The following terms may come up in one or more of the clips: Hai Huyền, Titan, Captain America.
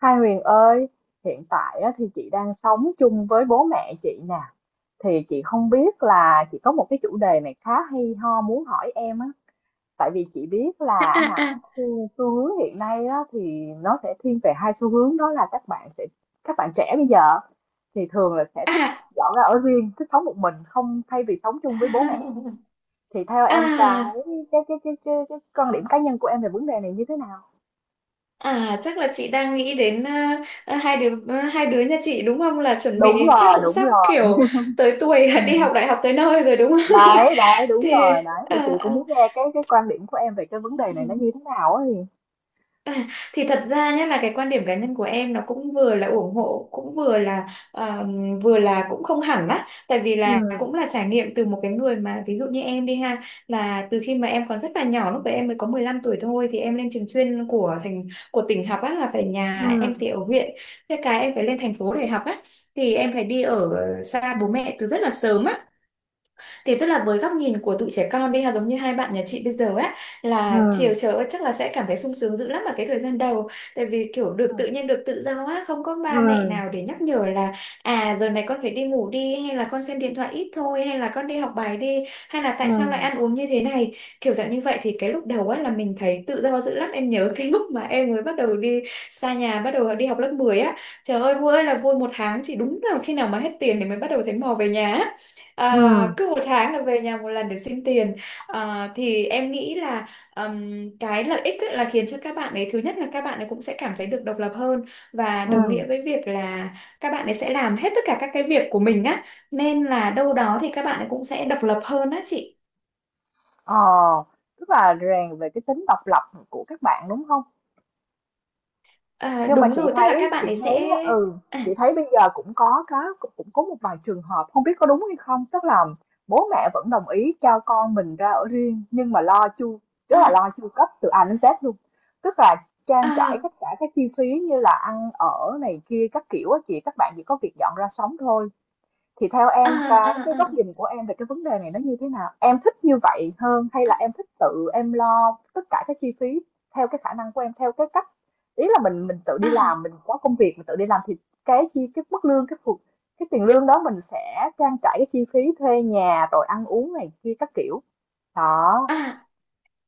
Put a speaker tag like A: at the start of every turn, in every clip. A: Hai Huyền ơi, hiện tại á, thì chị đang sống chung với bố mẹ chị nè. Thì chị không biết là chị có một cái chủ đề này khá hay ho muốn hỏi em á. Tại vì chị biết
B: À,
A: là hả,
B: à,
A: xu hướng hiện nay á, thì nó sẽ thiên về hai xu hướng, đó là các bạn trẻ bây giờ thì thường là sẽ thích
B: à,
A: dọn ra ở riêng, thích sống một mình không thay vì sống chung với bố mẹ. Thì theo em
B: à,
A: cái quan điểm cá nhân của em về vấn đề này như thế nào?
B: à, chắc là chị đang nghĩ đến, hai đứa nhà chị, đúng không, là chuẩn
A: Đúng
B: bị chắc
A: rồi,
B: cũng
A: đúng
B: sắp
A: rồi.
B: kiểu tới tuổi đi học đại học tới nơi rồi, đúng không?
A: Đấy đấy đúng
B: thì
A: rồi đấy, thì chị
B: à,
A: cũng muốn nghe cái quan điểm của em về cái vấn đề
B: à.
A: này nó như thế nào ấy.
B: Thì thật ra nhé, là cái quan điểm cá nhân của em nó cũng vừa là ủng hộ, cũng ờ, vừa là cũng không hẳn á, tại vì
A: Ừ,
B: là cũng là trải nghiệm từ một cái người, mà ví dụ như em đi ha, là từ khi mà em còn rất là nhỏ, lúc đấy em mới có 15 tuổi thôi, thì em lên trường chuyên của của tỉnh học á, là phải,
A: ừ,
B: nhà em thì ở huyện, thế cái em phải lên thành phố để học á, thì em phải đi ở xa bố mẹ từ rất là sớm á. Thì tức là với góc nhìn của tụi trẻ con đi ha, giống như hai bạn nhà chị bây giờ á,
A: ừ,
B: là chiều chờ chắc là sẽ cảm thấy sung sướng dữ lắm vào cái thời gian đầu, tại vì kiểu
A: ừ,
B: được tự nhiên, được tự do á, không có
A: ừ,
B: ba mẹ nào để nhắc nhở là à giờ này con phải đi ngủ đi, hay là con xem điện thoại ít thôi, hay là con đi học bài đi, hay là
A: ừ,
B: tại sao lại ăn uống như thế này, kiểu dạng như vậy. Thì cái lúc đầu á là mình thấy tự do dữ lắm. Em nhớ cái lúc mà em mới bắt đầu đi xa nhà, bắt đầu đi học lớp 10 á, trời ơi vui ơi là vui, một tháng chỉ đúng là khi nào mà hết tiền thì mới bắt đầu thấy mò về nhà á.
A: ừ,
B: À, cứ một tháng là về nhà một lần để xin tiền. À, thì em nghĩ là cái lợi ích ấy là khiến cho các bạn ấy, thứ nhất là các bạn ấy cũng sẽ cảm thấy được độc lập hơn, và
A: ừ.
B: đồng nghĩa với việc là các bạn ấy sẽ làm hết tất cả các cái việc của mình á, nên là đâu đó thì các bạn ấy cũng sẽ độc lập hơn á chị.
A: ờ Tức là rèn về cái tính độc lập của các bạn, đúng không?
B: À,
A: Nhưng mà
B: đúng rồi, tức là các bạn ấy sẽ,
A: chị
B: à,
A: thấy bây giờ cũng có một vài trường hợp không biết có đúng hay không, tức là bố mẹ vẫn đồng ý cho con mình ra ở riêng nhưng mà lo chu tức là
B: à,
A: lo chu cấp từ A đến Z luôn, tức là trang trải
B: à,
A: tất cả các chi phí như là ăn ở này kia các kiểu á chị, các bạn chỉ có việc dọn ra sống thôi. Thì theo
B: à,
A: em cái
B: à,
A: góc
B: à,
A: nhìn của em về cái vấn đề này nó như thế nào? Em thích như vậy hơn hay là em thích tự em lo tất cả các chi phí theo cái khả năng của em, theo cái cách, ý là mình tự
B: à,
A: đi làm,
B: à.
A: mình có công việc mình tự đi làm, thì cái mức lương cái tiền lương đó mình sẽ trang trải cái chi phí thuê nhà rồi ăn uống này kia các kiểu. Đó.
B: À.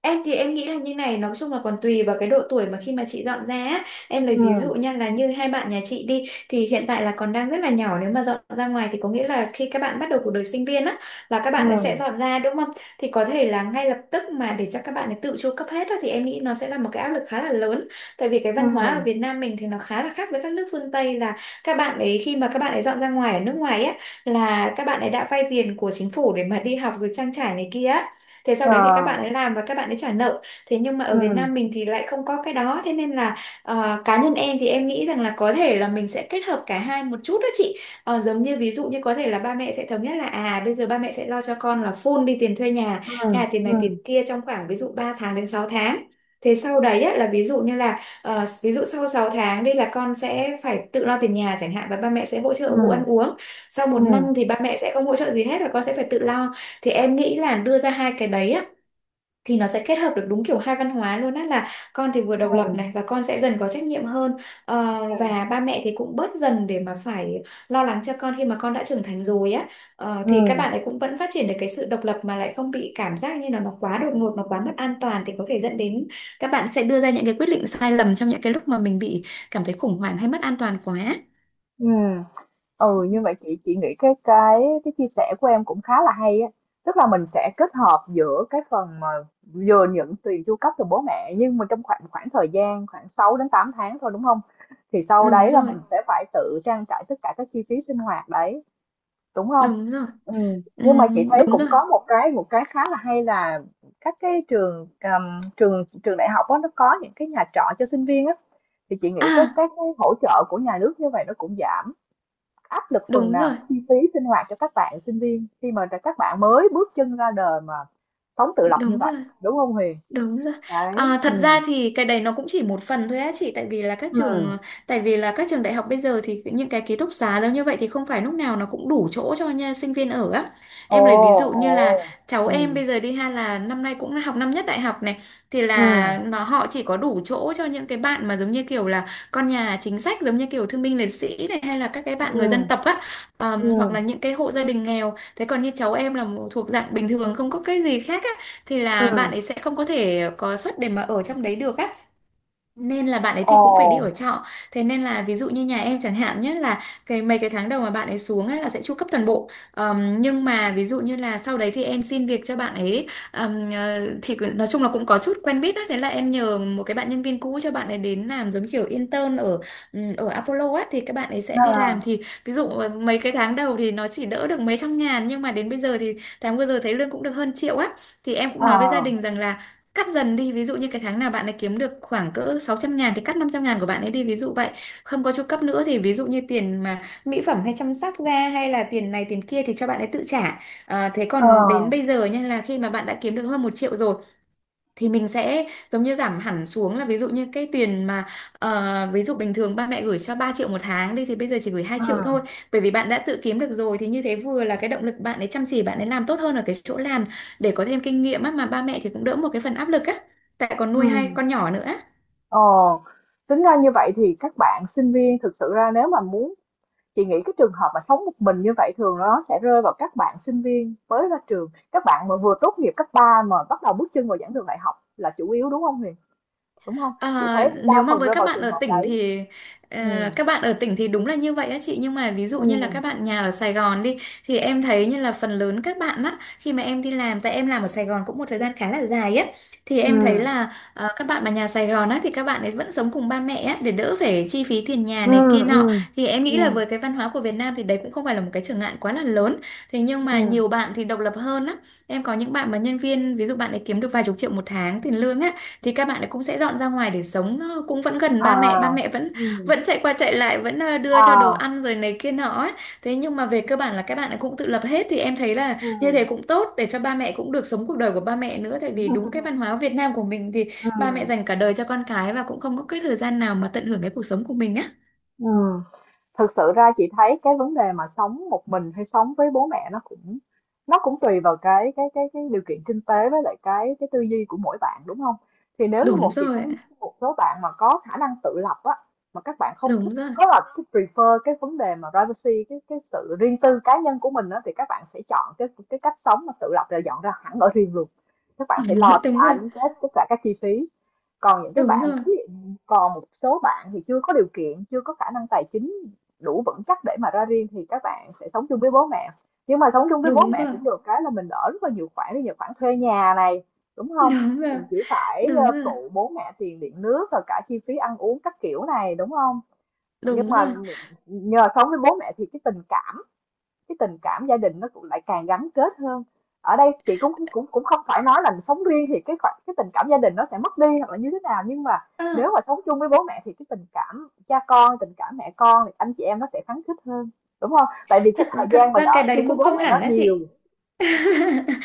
B: Em thì em nghĩ là như này, nói chung là còn tùy vào cái độ tuổi mà khi mà chị dọn ra á. Em lấy
A: Ừ,
B: ví dụ nha, là như hai bạn nhà chị đi, thì hiện tại là còn đang rất là nhỏ, nếu mà dọn ra ngoài thì có nghĩa là khi các bạn bắt đầu cuộc đời sinh viên á, là các
A: ừ,
B: bạn ấy sẽ dọn ra, đúng không? Thì có thể là ngay lập tức mà để cho các bạn ấy tự chu cấp hết á, thì em nghĩ nó sẽ là một cái áp lực khá là lớn. Tại vì cái
A: ừ,
B: văn hóa ở Việt Nam mình thì nó khá là khác với các nước phương Tây, là các bạn ấy khi mà các bạn ấy dọn ra ngoài ở nước ngoài á, là các bạn ấy đã vay tiền của chính phủ để mà đi học rồi trang trải này kia, thế sau
A: ờ,
B: đấy thì các bạn ấy làm và các bạn ấy trả nợ. Thế nhưng mà ở Việt
A: ừ,
B: Nam mình thì lại không có cái đó, thế nên là cá nhân em thì em nghĩ rằng là có thể là mình sẽ kết hợp cả hai một chút đó chị. Ờ, giống như ví dụ như có thể là ba mẹ sẽ thống nhất là à, bây giờ ba mẹ sẽ lo cho con là full đi, tiền thuê nhà
A: ừ,
B: hay là tiền này tiền
A: ừ,
B: kia trong khoảng ví dụ 3 tháng đến 6 tháng. Thế sau đấy á, là ví dụ như là ví dụ sau 6 tháng đây là con sẽ phải tự lo tiền nhà chẳng hạn, và ba mẹ sẽ hỗ
A: ừ,
B: trợ vụ ăn uống. Sau một
A: ừ,
B: năm thì ba mẹ sẽ không hỗ trợ gì hết và con sẽ phải tự lo. Thì em nghĩ là đưa ra hai cái đấy á, thì nó sẽ kết hợp được đúng kiểu hai văn hóa luôn á, là con thì vừa độc lập
A: ừ,
B: này, và con sẽ dần có trách nhiệm hơn. Ờ, và ba mẹ thì cũng bớt dần để mà phải lo lắng cho con khi mà con đã trưởng thành rồi á. Thì các bạn
A: ừ,
B: ấy cũng vẫn phát triển được cái sự độc lập, mà lại không bị cảm giác như là nó quá đột ngột, nó quá mất an toàn, thì có thể dẫn đến các bạn sẽ đưa ra những cái quyết định sai lầm trong những cái lúc mà mình bị cảm thấy khủng hoảng hay mất an toàn quá.
A: ừ. Ừ, như vậy chị nghĩ cái chia sẻ của em cũng khá là hay á, tức là mình sẽ kết hợp giữa cái phần mà vừa nhận tiền chu cấp từ bố mẹ nhưng mà trong khoảng khoảng thời gian khoảng 6 đến 8 tháng thôi, đúng không? Thì sau
B: Đúng
A: đấy là
B: rồi,
A: mình sẽ phải tự trang trải tất cả các chi phí sinh hoạt đấy, đúng không?
B: đúng rồi.
A: Ừ. Nhưng mà chị thấy
B: Đúng
A: cũng
B: rồi.
A: có một cái, một cái khá là hay là các cái trường, trường đại học đó, nó có những cái nhà trọ cho sinh viên á, thì chị nghĩ các
B: À,
A: các cái hỗ trợ của nhà nước như vậy nó cũng giảm áp lực phần
B: đúng
A: nào
B: rồi,
A: cái chi phí sinh hoạt cho các bạn sinh viên khi mà các bạn mới bước chân ra đời mà sống tự lập như
B: đúng
A: vậy,
B: rồi.
A: đúng không Huyền?
B: Đúng rồi.
A: Đấy.
B: À,
A: Ừ,
B: thật ra thì cái đấy nó cũng chỉ một phần thôi á chị,
A: ừ,
B: tại vì là các trường đại học bây giờ thì những cái ký túc xá giống như vậy thì không phải lúc nào nó cũng đủ chỗ cho nha, sinh viên ở á.
A: ồ,
B: Em lấy ví dụ
A: ồ,
B: như là cháu
A: ừ,
B: em bây giờ đi ha là năm nay cũng học năm nhất đại học này, thì
A: ừ,
B: là họ chỉ có đủ chỗ cho những cái bạn mà giống như kiểu là con nhà chính sách, giống như kiểu thương binh liệt sĩ này, hay là các cái bạn
A: ừ,
B: người dân tộc á. Ờ,
A: ừ,
B: hoặc là
A: ừ,
B: những cái hộ gia đình nghèo. Thế còn như cháu em là một- thuộc dạng bình thường, không có cái gì khác á, thì
A: ừ.
B: là bạn ấy sẽ không có thể có suất để mà ở trong đấy được á, nên là bạn ấy
A: Ồ,
B: thì cũng phải đi ở trọ. Thế nên là ví dụ như nhà em chẳng hạn nhé, là cái mấy cái tháng đầu mà bạn ấy xuống ấy là sẽ chu cấp toàn bộ. Nhưng mà ví dụ như là sau đấy thì em xin việc cho bạn ấy. Ờ, thì cứ- nói chung là cũng có chút quen biết á, thế là em nhờ một cái bạn nhân viên cũ cho bạn ấy đến làm giống kiểu intern ở ở Apollo á, thì các bạn ấy sẽ đi làm.
A: à,
B: Thì ví dụ mấy cái tháng đầu thì nó chỉ đỡ được mấy trăm ngàn, nhưng mà đến bây giờ thì tháng vừa rồi thấy lương cũng được hơn triệu á. Thì em cũng nói với gia
A: à,
B: đình rằng là cắt dần đi, ví dụ như cái tháng nào bạn ấy kiếm được khoảng cỡ 600.000 thì cắt 500.000 của bạn ấy đi, ví dụ vậy, không có chu cấp nữa. Thì ví dụ như tiền mà mỹ phẩm hay chăm sóc da, hay là tiền này tiền kia thì cho bạn ấy tự trả. À, thế còn đến bây
A: à,
B: giờ nha là khi mà bạn đã kiếm được hơn 1 triệu rồi, thì mình sẽ giống như giảm hẳn xuống, là ví dụ như cái tiền mà ví dụ bình thường ba mẹ gửi cho 3 triệu một tháng đi thì bây giờ chỉ gửi hai
A: ừ,
B: triệu thôi, bởi vì bạn đã tự kiếm được rồi, thì như thế vừa là cái động lực bạn ấy chăm chỉ, bạn ấy làm tốt hơn ở cái chỗ làm để có thêm kinh nghiệm á, mà ba mẹ thì cũng đỡ một cái phần áp lực á, tại còn
A: ừ.
B: nuôi hai con nhỏ nữa.
A: Ồ, tính ra như vậy thì các bạn sinh viên thực sự ra nếu mà muốn, chị nghĩ cái trường hợp mà sống một mình như vậy thường nó sẽ rơi vào các bạn sinh viên mới ra trường, các bạn mà vừa tốt nghiệp cấp 3 mà bắt đầu bước chân vào giảng đường đại học là chủ yếu, đúng không Huyền? Đúng không? Chị
B: À,
A: thấy đa
B: nếu mà
A: phần
B: với
A: rơi
B: các
A: vào
B: bạn
A: trường
B: ở
A: hợp
B: tỉnh
A: đấy.
B: thì
A: Ừ,
B: các bạn ở tỉnh thì đúng là như vậy á chị. Nhưng mà ví dụ như là
A: ừ,
B: các bạn nhà ở Sài Gòn đi, thì em thấy như là phần lớn các bạn á, khi mà em đi làm, tại em làm ở Sài Gòn cũng một thời gian khá là dài á, thì
A: ừ,
B: em thấy là các bạn mà nhà Sài Gòn á thì các bạn ấy vẫn sống cùng ba mẹ á để đỡ phải chi phí tiền nhà
A: ừ,
B: này kia nọ,
A: ừ,
B: thì em
A: ừ,
B: nghĩ là với cái văn hóa của Việt Nam thì đấy cũng không phải là một cái trở ngại quá là lớn. Thế nhưng
A: ừ,
B: mà nhiều bạn thì độc lập hơn á, em có những bạn mà nhân viên ví dụ bạn ấy kiếm được vài chục triệu một tháng tiền lương á, thì các bạn ấy cũng sẽ dọn ra ngoài để sống, cũng vẫn gần
A: à,
B: ba mẹ. Ba mẹ vẫn
A: ừ,
B: vẫn chạy qua chạy lại, vẫn đưa cho đồ
A: à,
B: ăn rồi này kia nọ ấy. Thế nhưng mà về cơ bản là các bạn ấy cũng tự lập hết thì em thấy là
A: ừ,
B: như thế cũng tốt để cho ba mẹ cũng được sống cuộc đời của ba mẹ nữa tại vì đúng cái văn hóa Việt Nam của mình thì
A: ừ,
B: ba mẹ dành cả đời cho con cái và cũng không có cái thời gian nào mà tận hưởng cái cuộc sống của mình á.
A: ừ. Thực sự ra chị thấy cái vấn đề mà sống một mình hay sống với bố mẹ nó cũng tùy vào cái điều kiện kinh tế với lại cái tư duy của mỗi bạn, đúng không? Thì nếu như,
B: Đúng
A: một chị
B: rồi,
A: thấy một số bạn mà có khả năng tự lập á, mà các bạn không thích,
B: đúng rồi.
A: có là cái prefer cái vấn đề mà privacy, cái sự riêng tư cá nhân của mình á, thì các bạn sẽ chọn cái cách sống mà tự lập là dọn ra hẳn ở riêng luôn. Các bạn sẽ lo từ
B: Đúng rồi,
A: ăn, đến Z tất cả các chi phí. Còn những cái
B: đúng
A: bạn mà
B: rồi,
A: thí dụ, còn một số bạn thì chưa có điều kiện, chưa có khả năng tài chính đủ vững chắc để mà ra riêng thì các bạn sẽ sống chung với bố mẹ, nhưng mà sống chung với bố
B: đúng
A: mẹ
B: rồi,
A: cũng được cái là mình đỡ rất là nhiều khoản, ví dụ khoản thuê nhà này, đúng không?
B: đúng rồi,
A: Mình chỉ phải
B: đúng rồi,
A: phụ bố mẹ tiền điện nước và cả chi phí ăn uống các kiểu này, đúng không? Nhưng
B: đúng
A: mà
B: rồi.
A: nhờ sống với bố mẹ thì cái tình cảm, cái tình cảm gia đình nó cũng lại càng gắn kết hơn. Ở đây chị cũng cũng cũng không phải nói là sống riêng thì cái tình cảm gia đình nó sẽ mất đi hoặc là như thế nào, nhưng mà nếu
B: À,
A: mà sống chung với bố mẹ thì cái tình cảm cha con, tình cảm mẹ con, thì anh chị em nó sẽ khăng khít hơn, đúng không? Tại vì cái
B: thật
A: thời
B: thật
A: gian mình
B: ra cái
A: ở
B: đấy
A: chung với
B: cũng
A: bố
B: không
A: mẹ nó
B: hẳn á
A: nhiều.
B: chị.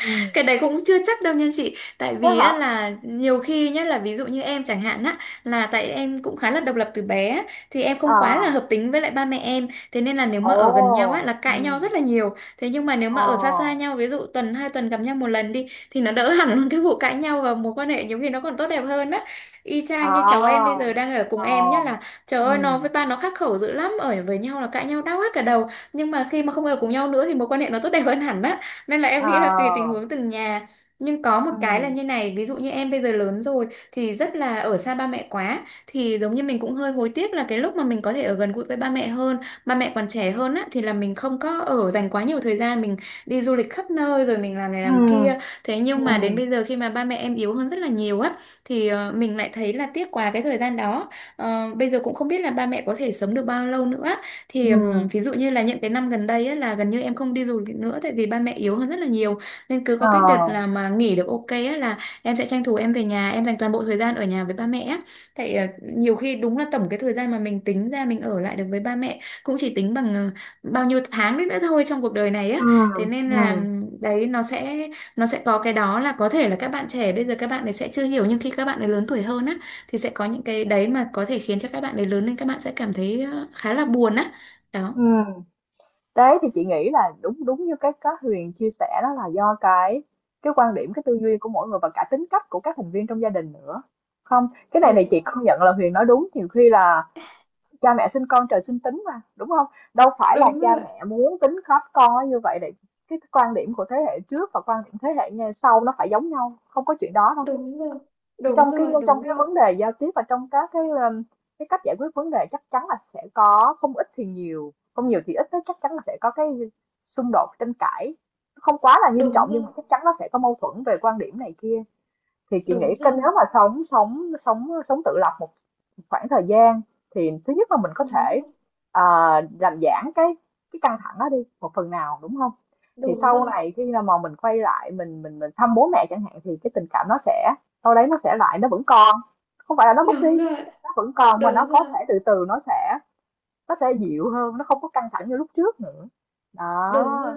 A: Ừ.
B: Cái đấy cũng chưa chắc đâu nha chị, tại
A: Thế
B: vì
A: hả?
B: á, là nhiều khi nhá, là ví dụ như em chẳng hạn á, là tại em cũng khá là độc lập từ bé á, thì em không quá là
A: À,
B: hợp tính với lại ba mẹ em, thế nên là nếu mà
A: ồ,
B: ở gần nhau á là
A: ừ,
B: cãi nhau rất là nhiều. Thế nhưng mà nếu
A: ờ,
B: mà ở xa xa nhau, ví dụ tuần hai tuần gặp nhau một lần đi thì nó đỡ hẳn luôn cái vụ cãi nhau, và mối quan hệ nhiều khi nó còn tốt đẹp hơn á. Y chang như cháu em bây
A: à,
B: giờ đang ở cùng
A: ờ,
B: em nhá, là trời ơi, nó
A: ừ,
B: với ba nó khắc khẩu dữ lắm, ở với nhau là cãi nhau đau hết cả đầu, nhưng mà khi mà không ở cùng nhau nữa thì mối quan hệ nó tốt đẹp hơn hẳn á. Nên là em
A: ờ,
B: nghĩ là tùy tình huống từng nhà. Nhưng có một
A: ừ,
B: cái là như này, ví dụ như em bây giờ lớn rồi thì rất là ở xa ba mẹ quá, thì giống như mình cũng hơi hối tiếc là cái lúc mà mình có thể ở gần gũi với ba mẹ hơn, ba mẹ còn trẻ hơn á, thì là mình không có ở, dành quá nhiều thời gian mình đi du lịch khắp nơi rồi mình làm này làm
A: ừ,
B: kia. Thế
A: ừ,
B: nhưng mà đến bây giờ khi mà ba mẹ em yếu hơn rất là nhiều á thì mình lại thấy là tiếc quá cái thời gian đó. Bây giờ cũng không biết là ba mẹ có thể sống được bao lâu nữa, thì
A: ừ,
B: ví dụ như là những cái năm gần đây á, là gần như em không đi du lịch nữa tại vì ba mẹ yếu hơn rất là nhiều. Nên cứ
A: ờ.
B: có cái đợt là mà nghỉ được ok á, là em sẽ tranh thủ em về nhà em dành toàn bộ thời gian ở nhà với ba mẹ á. Tại nhiều khi đúng là tổng cái thời gian mà mình tính ra mình ở lại được với ba mẹ cũng chỉ tính bằng bao nhiêu tháng đấy nữa thôi trong cuộc đời này á.
A: Ừ,
B: Thế nên là
A: ừ,
B: đấy nó sẽ có cái đó, là có thể là các bạn trẻ bây giờ các bạn ấy sẽ chưa hiểu, nhưng khi các bạn ấy lớn tuổi hơn á thì sẽ có những cái đấy mà có thể khiến cho các bạn ấy lớn lên các bạn sẽ cảm thấy khá là buồn á.
A: ừ.
B: Đó.
A: Đấy thì chị nghĩ là đúng đúng như cái Huyền chia sẻ, đó là do cái quan điểm, cái tư duy của mỗi người và cả tính cách của các thành viên trong gia đình nữa. Không, cái này này
B: Đúng
A: chị công nhận là Huyền nói đúng, nhiều khi là cha mẹ sinh con trời sinh tính mà, đúng không? Đâu phải là
B: Đúng
A: cha
B: rồi,
A: mẹ muốn tính khắp con nó như vậy, để cái quan điểm của thế hệ trước và quan điểm thế hệ ngay sau nó phải giống nhau, không có chuyện đó đâu.
B: đúng rồi, đúng
A: Trong cái
B: rồi,
A: trong
B: đúng
A: cái
B: rồi,
A: vấn đề giao tiếp và trong các cái, cái cách giải quyết vấn đề chắc chắn là sẽ có, không ít thì nhiều, không nhiều thì ít đó, chắc chắn là sẽ có cái xung đột tranh cãi, không quá là nghiêm trọng
B: đúng
A: nhưng mà
B: rồi,
A: chắc chắn nó sẽ có mâu thuẫn về quan điểm này kia. Thì chị nghĩ,
B: đúng
A: cái nếu
B: rồi,
A: mà sống sống sống sống tự lập một khoảng thời gian thì thứ nhất là mình có
B: đúng
A: thể,
B: rồi,
A: ờ, làm giảm cái căng thẳng đó đi một phần nào, đúng không? Thì
B: đúng
A: sau
B: rồi,
A: này khi nào mà mình quay lại, mình thăm bố mẹ chẳng hạn, thì cái tình cảm nó sẽ, đâu đấy nó sẽ lại, nó vẫn còn, không phải là nó mất
B: đúng rồi, đúng
A: đi,
B: rồi,
A: nó vẫn còn mà nó
B: đúng
A: có
B: rồi,
A: thể từ từ nó sẽ, nó sẽ dịu hơn, nó không có căng thẳng như lúc trước nữa.
B: đúng rồi.
A: Đó.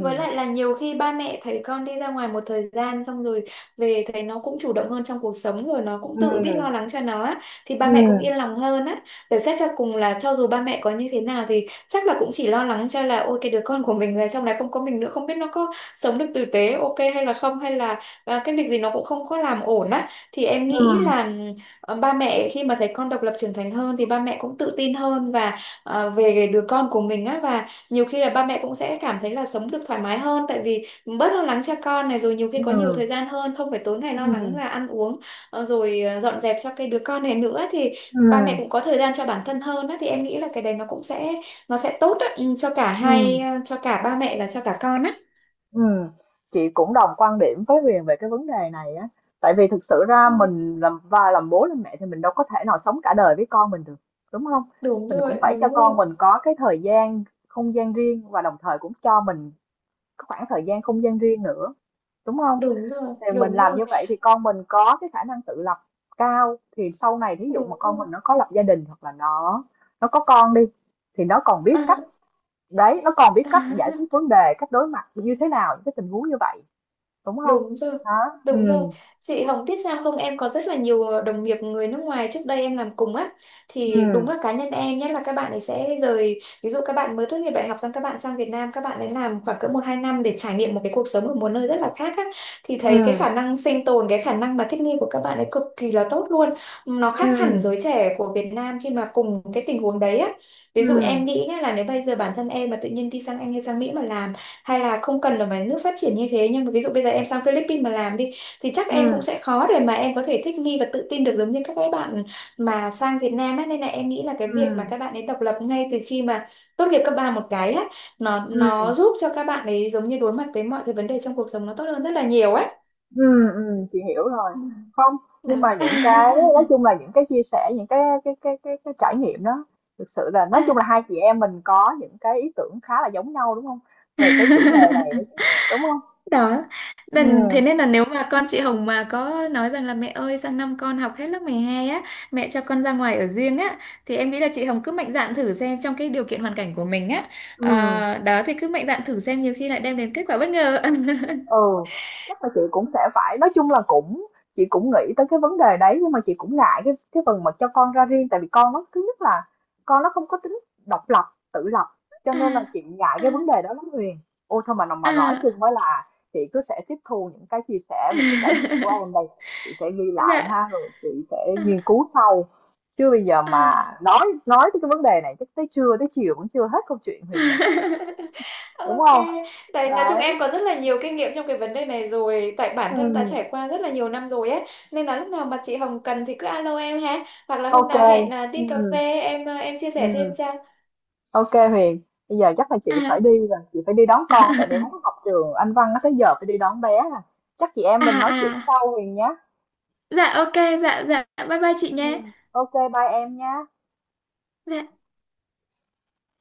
B: Với lại là nhiều khi ba mẹ thấy con đi ra ngoài một thời gian xong rồi về, thấy nó cũng chủ động hơn trong cuộc sống rồi, nó cũng
A: Ừm,
B: tự biết
A: ừm,
B: lo lắng cho nó á, thì ba mẹ cũng
A: ừm,
B: yên lòng hơn á. Để xét cho cùng là cho dù ba mẹ có như thế nào thì chắc là cũng chỉ lo lắng cho là ôi cái đứa con của mình rồi xong này không có mình nữa không biết nó có sống được tử tế ok hay là không, hay là cái việc gì nó cũng không có làm ổn á, thì em nghĩ
A: ừm,
B: là ba mẹ khi mà thấy con độc lập trưởng thành hơn thì ba mẹ cũng tự tin hơn và về đứa con của mình á, và nhiều khi là ba mẹ cũng sẽ cảm thấy là sống được thoải mái hơn, tại vì bớt lo lắng cho con này rồi, nhiều khi có nhiều
A: ừm,
B: thời gian hơn, không phải tối ngày lo lắng là ăn uống, rồi dọn dẹp cho cái đứa con này nữa, thì ba mẹ
A: ừm,
B: cũng có thời gian cho bản thân hơn á, thì em nghĩ là cái đấy nó sẽ tốt á, ừ, cho cả
A: ừm.
B: hai, cho cả ba mẹ và cho cả con á.
A: Ừ, chị cũng đồng quan điểm với Huyền về cái vấn đề này á, tại vì thực sự ra
B: Ừ,
A: mình làm, và làm bố làm mẹ thì mình đâu có thể nào sống cả đời với con mình được, đúng không?
B: đúng
A: Mình cũng
B: rồi,
A: phải cho
B: đúng rồi,
A: con mình có cái thời gian không gian riêng và đồng thời cũng cho mình cái khoảng thời gian không gian riêng nữa, đúng không?
B: đúng rồi,
A: Thì mình
B: đúng
A: làm
B: rồi,
A: như vậy thì con mình có cái khả năng tự lập cao, thì sau này thí dụ mà
B: đúng
A: con
B: rồi.
A: mình nó có lập gia đình hoặc là nó có con đi, thì nó còn
B: À.
A: biết cách, đấy, nó còn biết cách giải quyết vấn đề, cách đối mặt như thế nào những cái tình huống như vậy. Đúng không?
B: Đúng rồi,
A: Đó. Ừ,
B: đúng rồi. Chị Hồng biết sao không, em có rất là nhiều đồng nghiệp người nước ngoài trước đây em làm cùng á.
A: ừ,
B: Thì đúng là cá nhân em nhất là các bạn ấy ví dụ các bạn mới tốt nghiệp đại học xong các bạn sang Việt Nam, các bạn ấy làm khoảng cỡ một hai năm để trải nghiệm một cái cuộc sống ở một nơi rất là khác á. Thì
A: ừ,
B: thấy cái khả năng sinh tồn, cái khả năng mà thích nghi của các bạn ấy cực kỳ là tốt luôn. Nó
A: ừ,
B: khác hẳn giới trẻ của Việt Nam khi mà cùng cái tình huống đấy á. Ví dụ
A: ừ,
B: em nghĩ nhá, là nếu bây giờ bản thân em mà tự nhiên đi sang Anh hay sang Mỹ mà làm, hay là không cần là phải nước phát triển như thế, nhưng mà ví dụ bây giờ em sang Philippines mà làm đi, thì chắc
A: ừ,
B: em cũng sẽ khó để mà em có thể thích nghi và tự tin được giống như các cái bạn mà sang Việt Nam ấy. Nên là em nghĩ là cái việc mà
A: ừ,
B: các bạn ấy độc lập ngay từ khi mà tốt nghiệp cấp ba một cái á, nó
A: ừ,
B: nó giúp cho các bạn ấy giống như đối mặt với mọi cái vấn đề trong cuộc sống nó tốt hơn rất là nhiều ấy.
A: ừ, chị hiểu rồi.
B: Ừ.
A: Không, nhưng
B: Đó.
A: mà những cái nói chung là những cái chia sẻ, những cái cái trải nghiệm đó, thực sự là nói chung là
B: À.
A: hai chị em mình có những cái ý tưởng khá là giống nhau, đúng không? Về cái chủ đề này, đúng không?
B: Đó, nên thế
A: Ừ,
B: nên là nếu mà con chị Hồng mà có nói rằng là mẹ ơi sang năm con học hết lớp 12 á, mẹ cho con ra ngoài ở riêng á, thì em nghĩ là chị Hồng cứ mạnh dạn thử xem, trong cái điều kiện hoàn cảnh của mình á.
A: ừ.
B: Đó thì cứ mạnh dạn thử xem, nhiều khi lại đem đến kết quả bất ngờ.
A: Ừ, chắc là chị cũng sẽ phải, nói chung là chị cũng nghĩ tới cái vấn đề đấy, nhưng mà chị cũng ngại cái phần mà cho con ra riêng, tại vì con nó thứ nhất là con nó không có tính độc lập, tự lập, cho nên là
B: À,
A: chị ngại
B: à,
A: cái vấn đề đó lắm Huyền. Ôi thôi, mà nói
B: à.
A: chung mới là, chị cứ sẽ tiếp thu những cái chia sẻ, những cái trải nghiệm của em đây, chị sẽ ghi lại
B: Dạ.
A: ha, rồi chị sẽ
B: À,
A: nghiên cứu sau, chứ bây giờ mà
B: à.
A: nói nói tới cái vấn đề này chắc tới trưa tới chiều vẫn chưa hết câu chuyện, Huyền nhỉ, đúng
B: Ok,
A: không?
B: tại nói chung
A: Đấy.
B: em có rất là nhiều kinh nghiệm trong cái vấn đề này rồi, tại bản thân đã
A: Ừ,
B: trải qua rất là nhiều năm rồi ấy, nên là lúc nào mà chị Hồng cần thì cứ alo em ha, hoặc là hôm
A: ok,
B: nào hẹn à,
A: ừ,
B: đi cà phê em à, em chia
A: ừ.
B: sẻ thêm cho.
A: OK Huyền, bây giờ chắc là chị
B: À,
A: phải đi rồi, chị phải đi đón con, tại bé nó học trường Anh Văn, nó tới giờ phải đi đón bé à. Chắc chị em
B: à,
A: mình nói chuyện
B: à,
A: sau Huyền nhé.
B: dạ ok, dạ dạ, bye bye chị
A: Ừ.
B: nhé.
A: OK, bye em nha.
B: Dạ.